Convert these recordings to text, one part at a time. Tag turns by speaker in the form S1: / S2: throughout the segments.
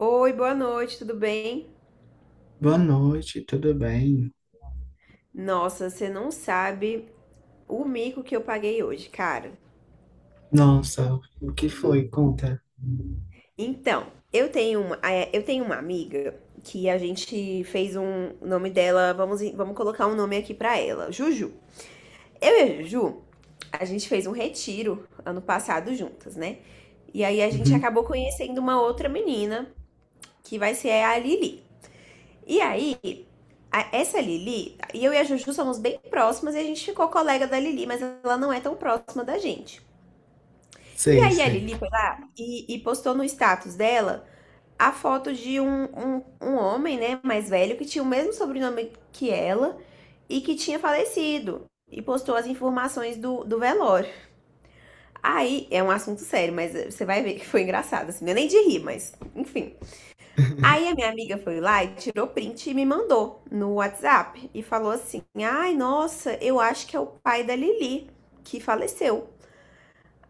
S1: Oi, boa noite, tudo bem?
S2: Boa noite, tudo bem?
S1: Nossa, você não sabe o mico que eu paguei hoje, cara.
S2: Nossa, o que foi? Conta.
S1: Então, eu tenho uma amiga que a gente fez um o nome dela, vamos colocar um nome aqui pra ela, Juju. Eu e a Juju, a gente fez um retiro ano passado juntas, né? E aí a gente
S2: Uhum.
S1: acabou conhecendo uma outra menina, que vai ser a Lili. E aí, essa Lili, e eu e a Juju somos bem próximas e a gente ficou colega da Lili, mas ela não é tão próxima da gente. E
S2: Sei,
S1: aí a
S2: sei.
S1: Lili foi lá e postou no status dela a foto de um homem, né, mais velho, que tinha o mesmo sobrenome que ela e que tinha falecido. E postou as informações do velório. Aí é um assunto sério, mas você vai ver que foi engraçado, assim, não é nem de rir, mas enfim. Aí a minha amiga foi lá e tirou print e me mandou no WhatsApp e falou assim: "Ai, nossa, eu acho que é o pai da Lili que faleceu".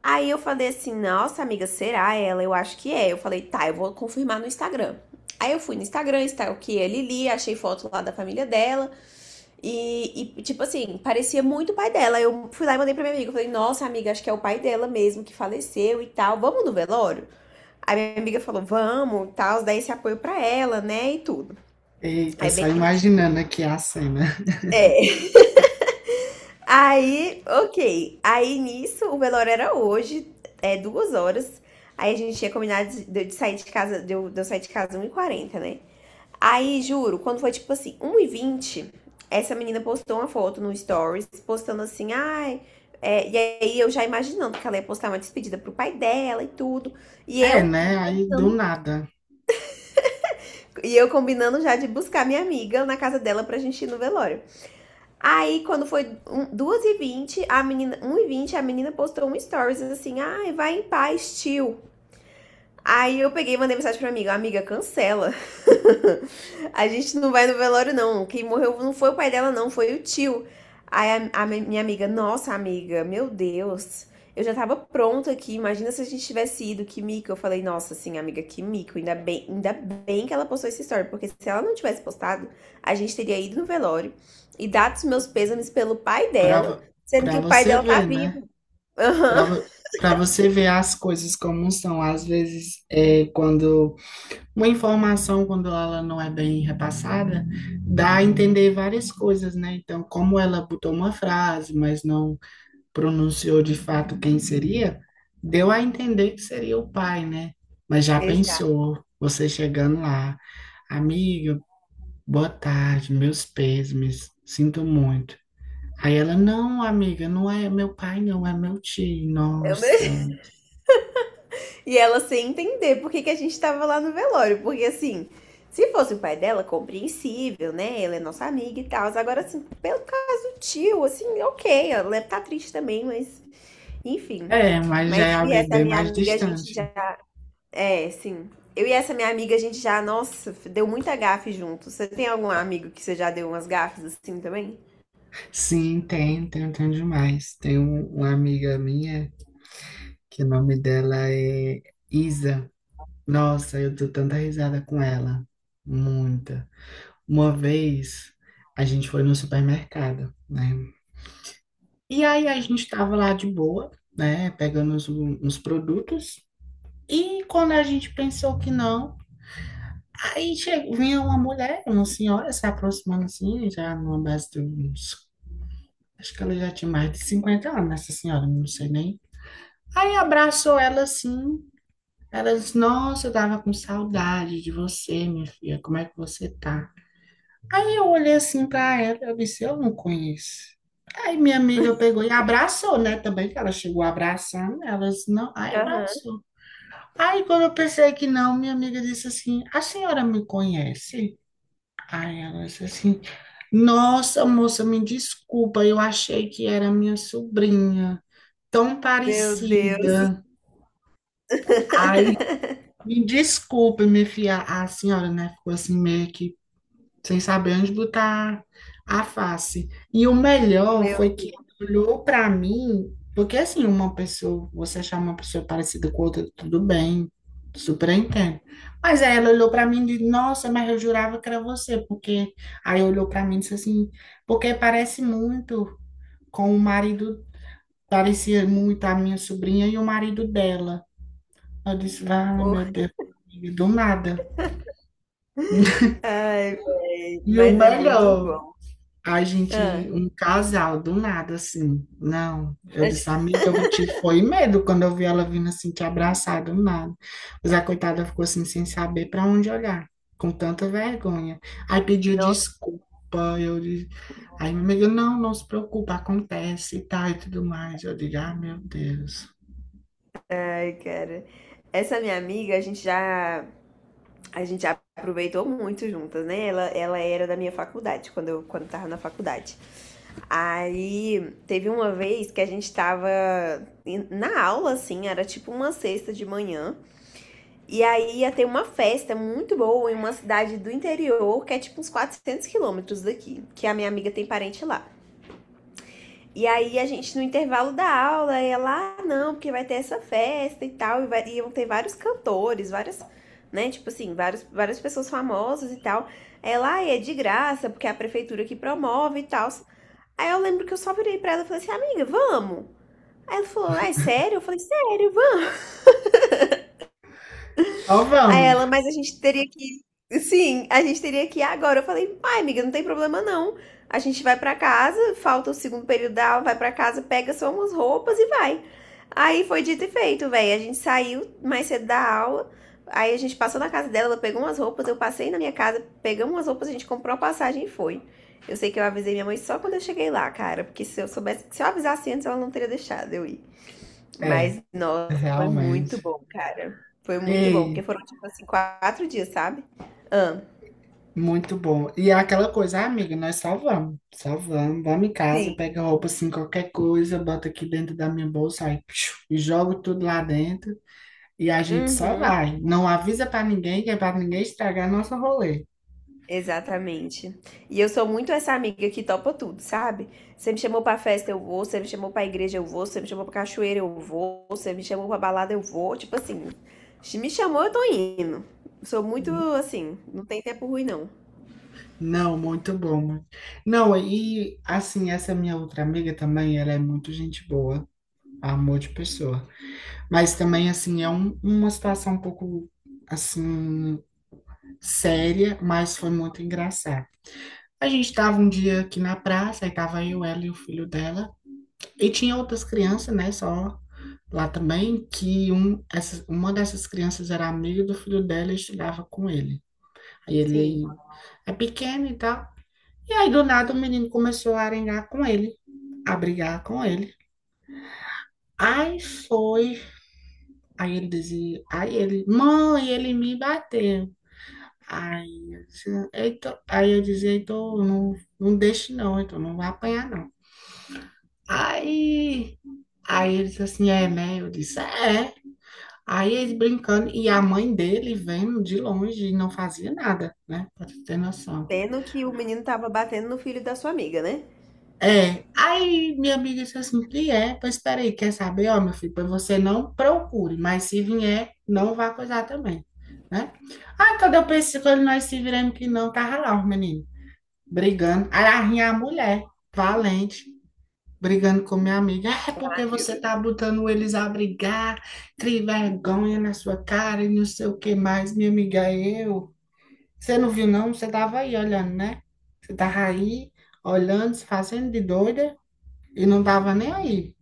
S1: Aí eu falei assim: "Nossa, amiga, será ela? Eu acho que é". Eu falei: "Tá, eu vou confirmar no Instagram". Aí eu fui no Instagram, está o que é Lili, achei foto lá da família dela. Tipo assim, parecia muito o pai dela. Eu fui lá e mandei pra minha amiga. Eu falei, nossa, amiga, acho que é o pai dela mesmo que faleceu e tal. Vamos no velório? Aí minha amiga falou, vamos, e tal, dá esse apoio pra ela, né? E tudo.
S2: Eita,
S1: Aí
S2: só
S1: bem.
S2: imaginando aqui a cena.
S1: É. Aí, ok. Aí nisso, o velório era hoje, é 2h. Aí a gente tinha combinado de sair de casa, de eu sair de casa 1 e quarenta, né? Aí, juro, quando foi tipo assim, 1 e vinte, essa menina postou uma foto no Stories, postando assim, ai. E aí eu já imaginando que ela ia postar uma despedida pro pai dela e tudo. E
S2: É,
S1: eu
S2: né? Aí do
S1: combinando,
S2: nada,
S1: e eu combinando já de buscar minha amiga na casa dela pra gente ir no velório. Aí, quando foi 2h20, a menina, 1 e vinte a menina postou um stories assim, ai, vai em paz, tio. Aí eu peguei e mandei mensagem pra amiga, amiga, cancela. A gente não vai no velório, não. Quem morreu não foi o pai dela, não, foi o tio. Aí minha amiga, nossa amiga, meu Deus, eu já tava pronta aqui. Imagina se a gente tivesse ido, que mico. Eu falei, nossa, sim, amiga, que mico. Ainda bem que ela postou essa história, porque se ela não tivesse postado, a gente teria ido no velório e dado os meus pêsames pelo pai
S2: pra,
S1: dela,
S2: vo-
S1: sendo que
S2: pra
S1: o pai
S2: você
S1: dela tá
S2: ver, né?
S1: vivo. Aham.
S2: Pra você ver as coisas como são. Às vezes, quando uma informação, quando ela não é bem repassada, dá a entender várias coisas, né? Então, como ela botou uma frase, mas não. pronunciou de fato quem seria, deu a entender que seria o pai, né? Mas já
S1: Exato.
S2: pensou, você chegando lá, amiga, boa tarde, meus pêsames, sinto muito. Aí ela, não, amiga, não é meu pai, não, é meu tio,
S1: É o meu
S2: nossa.
S1: E ela sem entender por que, que a gente tava lá no velório. Porque assim, se fosse o pai dela, compreensível, né? Ela é nossa amiga e tal. Agora, assim, pelo caso do tio, assim, ok, ela deve tá triste também, mas enfim.
S2: É, mas já
S1: Mas
S2: é
S1: eu e
S2: alguém
S1: essa
S2: bem
S1: minha
S2: mais
S1: amiga, a gente
S2: distante.
S1: já. É, sim. Eu e essa minha amiga, a gente já, nossa, deu muita gafe junto. Você tem algum amigo que você já deu umas gafes assim também?
S2: Sim, tem, tem, tem demais. Tem uma amiga minha, que o nome dela é Isa. Nossa, eu dou tanta risada com ela. Muita. Uma vez a gente foi no supermercado, né? E aí a gente estava lá de boa, né? Pegando os produtos. E quando a gente pensou que não, aí chegou, vinha uma mulher, uma senhora se aproximando assim, já numa base de uns. Acho que ela já tinha mais de 50 anos, essa senhora, não sei nem. Aí abraçou ela assim. Ela disse: "Nossa, eu tava com saudade de você, minha filha, como é que você tá?" Aí eu olhei assim pra ela, eu disse, eu não conheço. Aí minha amiga pegou e abraçou, né? Também que ela chegou abraçando, ela disse, não, aí
S1: Aham.
S2: abraçou. Aí quando eu pensei que não, minha amiga disse assim, a senhora me conhece? Aí ela disse assim, nossa moça, me desculpa, eu achei que era minha sobrinha, tão
S1: Meu Deus.
S2: parecida. Aí, me desculpe, minha filha, a senhora, né? Ficou assim meio que sem saber onde botar a face. E o melhor
S1: Meu
S2: foi que
S1: Deus.
S2: ele olhou para mim, porque assim, uma pessoa, você achar uma pessoa parecida com outra, tudo bem, super entendo. Mas aí ela olhou para mim e disse: "Nossa, mas eu jurava que era você", porque aí olhou para mim e disse assim: "Porque parece muito com o marido, parecia muito a minha sobrinha e o marido dela". Eu disse: "Ah, meu Deus, do nada".
S1: Ai, véi,
S2: E o
S1: mas é muito
S2: melhor
S1: bom.
S2: Ai,
S1: Ah,
S2: gente, um casal, do nada, assim. Não, eu disse,
S1: acho-
S2: amiga, eu te foi medo quando eu vi ela vindo assim, te abraçar do nada. Mas a coitada ficou assim, sem saber para onde olhar, com tanta vergonha. Aí pediu
S1: nossa,
S2: desculpa, eu disse, aí minha amiga, não, não se preocupa, acontece e tal e tudo mais. Eu digo, ah, meu Deus.
S1: ai, cara. Essa minha amiga, a gente já aproveitou muito juntas, né? Ela era da minha faculdade, quando eu tava na faculdade. Aí, teve uma vez que a gente tava na aula, assim, era tipo uma sexta de manhã. E aí ia ter uma festa muito boa em uma cidade do interior, que é tipo uns 400 km daqui, que a minha amiga tem parente lá. E aí a gente, no intervalo da aula, ela, ah, não, porque vai ter essa festa e tal, e vai, e iam ter vários cantores, várias, né, tipo assim, vários, várias pessoas famosas e tal. Ela, ah, é de graça, porque é a prefeitura que promove e tal. Aí eu lembro que eu só virei pra ela e falei assim, amiga, vamos? Aí ela falou, ah, é sério? Eu falei, sério, vamos.
S2: Só
S1: Aí
S2: vamos.
S1: ela, mas a gente teria que. Sim, a gente teria que ir agora. Eu falei, ai, amiga, não tem problema, não. A gente vai pra casa, falta o segundo período da aula, vai pra casa, pega só umas roupas e vai. Aí foi dito e feito, velho. A gente saiu mais cedo da aula. Aí a gente passou na casa dela, ela pegou umas roupas, eu passei na minha casa, pegamos umas roupas, a gente comprou a passagem e foi. Eu sei que eu avisei minha mãe só quando eu cheguei lá, cara, porque se eu soubesse, se eu avisasse antes, ela não teria deixado eu ir.
S2: É,
S1: Mas, nossa, foi muito
S2: realmente.
S1: bom, cara. Foi muito bom,
S2: Ei.
S1: porque foram, tipo assim, 4 dias, sabe? Ah,
S2: Muito bom. E é aquela coisa, ah, amiga, nós só vamos, vamos em casa,
S1: sim.
S2: pega roupa assim, qualquer coisa, bota aqui dentro da minha bolsa aí, psiu, e jogo tudo lá dentro e a gente só
S1: Uhum,
S2: vai. Não avisa pra ninguém, que é pra ninguém estragar nosso rolê.
S1: exatamente. E eu sou muito essa amiga que topa tudo, sabe? Você me chamou pra festa, eu vou. Você me chamou pra igreja, eu vou. Você me chamou pra cachoeira, eu vou. Você me chamou pra balada, eu vou. Tipo assim, se me chamou, eu tô indo. Sou muito,
S2: N-
S1: assim, não tem tempo ruim, não.
S2: Não, muito bom. Não, e assim, essa minha outra amiga também, ela é muito gente boa, amor de pessoa. Mas também, assim, é uma situação um pouco, assim, séria, mas foi muito engraçada. A gente tava um dia aqui na praça, aí tava eu, ela e o filho dela. E tinha outras crianças, né, só lá também, que um, essa, uma dessas crianças era amiga do filho dela e estudava com ele. Aí ele
S1: Sim.
S2: aí, é pequeno e tal. E aí do nada o menino começou a arengar com ele, a brigar com ele. Aí foi, aí ele dizia, aí ele, mãe, ele me bateu. Aí eu dizia, "Heitor", aí eu dizia, então não, não deixe não, então não vai apanhar não. Aí, aí eles assim, é, né? Eu disse, é. Aí eles brincando e a mãe dele vendo de longe e não fazia nada, né? Pra tu ter noção.
S1: Pena que o menino tava batendo no filho da sua amiga, né?
S2: É, aí minha amiga disse assim, e é? Pois espera aí, quer saber? Ó, meu filho, pois você não procure, mas se vier, não vá coisar também, né? Aí quando eu pensei, quando nós se viramos que não, tava lá os meninos brigando. Aí lá vinha a mulher, valente. Brigando com minha amiga. É
S1: Ai,
S2: porque
S1: meu
S2: você
S1: Deus.
S2: tá botando eles a brigar, cria vergonha na sua cara e não sei o que mais, minha amiga, eu. Você não viu, não? Você tava aí olhando, né? Você tava aí olhando, se fazendo de doida e não tava nem aí.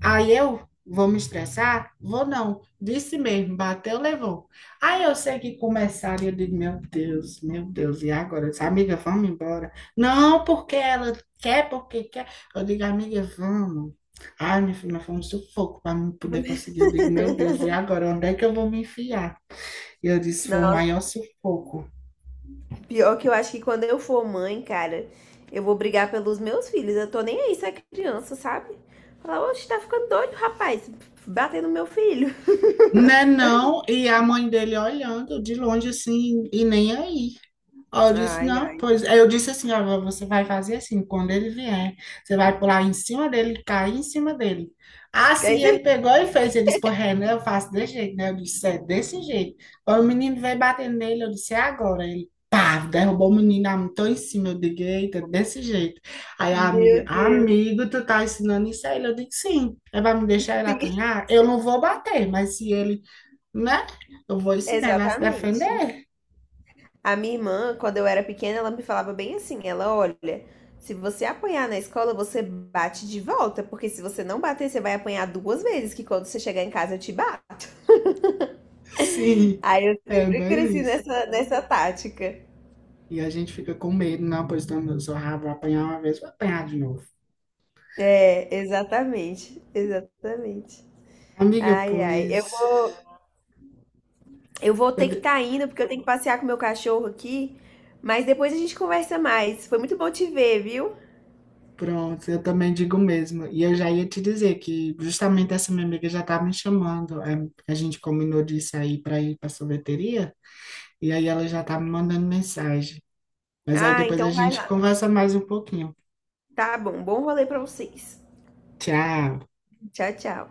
S2: Aí eu vou me estressar? Vou não. Disse mesmo, bateu, levou. Aí eu sei que começaram, e eu digo, meu Deus, e agora? Eu disse, amiga, vamos embora. Não, porque ela quer, porque quer. Eu digo, amiga, vamos. Ai, minha filha, mas foi um sufoco para mim poder conseguir. Eu digo, meu Deus, e agora? Onde é que eu vou me enfiar? E eu disse, foi o
S1: Não,
S2: maior sufoco.
S1: pior que eu acho que quando eu for mãe, cara, eu vou brigar pelos meus filhos. Eu tô nem aí se é criança, sabe? Falar, oxe, tá ficando doido, rapaz. Bater no meu filho.
S2: Né, não? E a mãe dele olhando de longe assim, e nem aí. Aí eu disse,
S1: Ai,
S2: não,
S1: ai.
S2: pois. Aí eu disse assim, ó, você vai fazer assim, quando ele vier, você vai pular em cima dele, cair em cima dele.
S1: Quer
S2: Assim ele
S1: dizer-
S2: pegou e fez, ele disse, pô, Renan, eu faço desse jeito, né? Eu disse, é desse jeito. Aí o menino veio batendo nele, eu disse, é agora. Ele, pá, derrubou o menino, amontou em cima, eu digo, eita, desse jeito. Aí a amiga,
S1: Meu Deus.
S2: amigo, tu tá ensinando isso a ele? Eu digo, sim. Ele vai me deixar ele
S1: Sim,
S2: apanhar? Eu não vou bater, mas se ele, né? Eu vou ensinar ele a se
S1: exatamente.
S2: defender.
S1: A minha irmã, quando eu era pequena, ela me falava bem assim: ela, olha, se você apanhar na escola, você bate de volta, porque se você não bater, você vai apanhar duas vezes, que quando você chegar em casa eu te bato.
S2: Sim,
S1: Aí eu
S2: é
S1: sempre
S2: bem
S1: cresci
S2: isso.
S1: nessa tática.
S2: E a gente fica com medo, não, pois então, se eu só ah, vou apanhar uma vez, vou apanhar de novo.
S1: É, exatamente, exatamente.
S2: Amiga,
S1: Ai, ai. Eu
S2: pois.
S1: vou, eu vou ter que estar indo, porque eu tenho que passear com meu cachorro aqui. Mas depois a gente conversa mais. Foi muito bom te ver, viu?
S2: Pronto, eu também digo o mesmo. E eu já ia te dizer que justamente essa minha amiga já tá me chamando. A gente combinou de sair para ir para sorveteria, e aí ela já tá me mandando mensagem. Mas aí
S1: Ah,
S2: depois a
S1: então vai
S2: gente
S1: lá.
S2: conversa mais um pouquinho.
S1: Tá bom. Bom rolê pra vocês.
S2: Tchau.
S1: Tchau, tchau.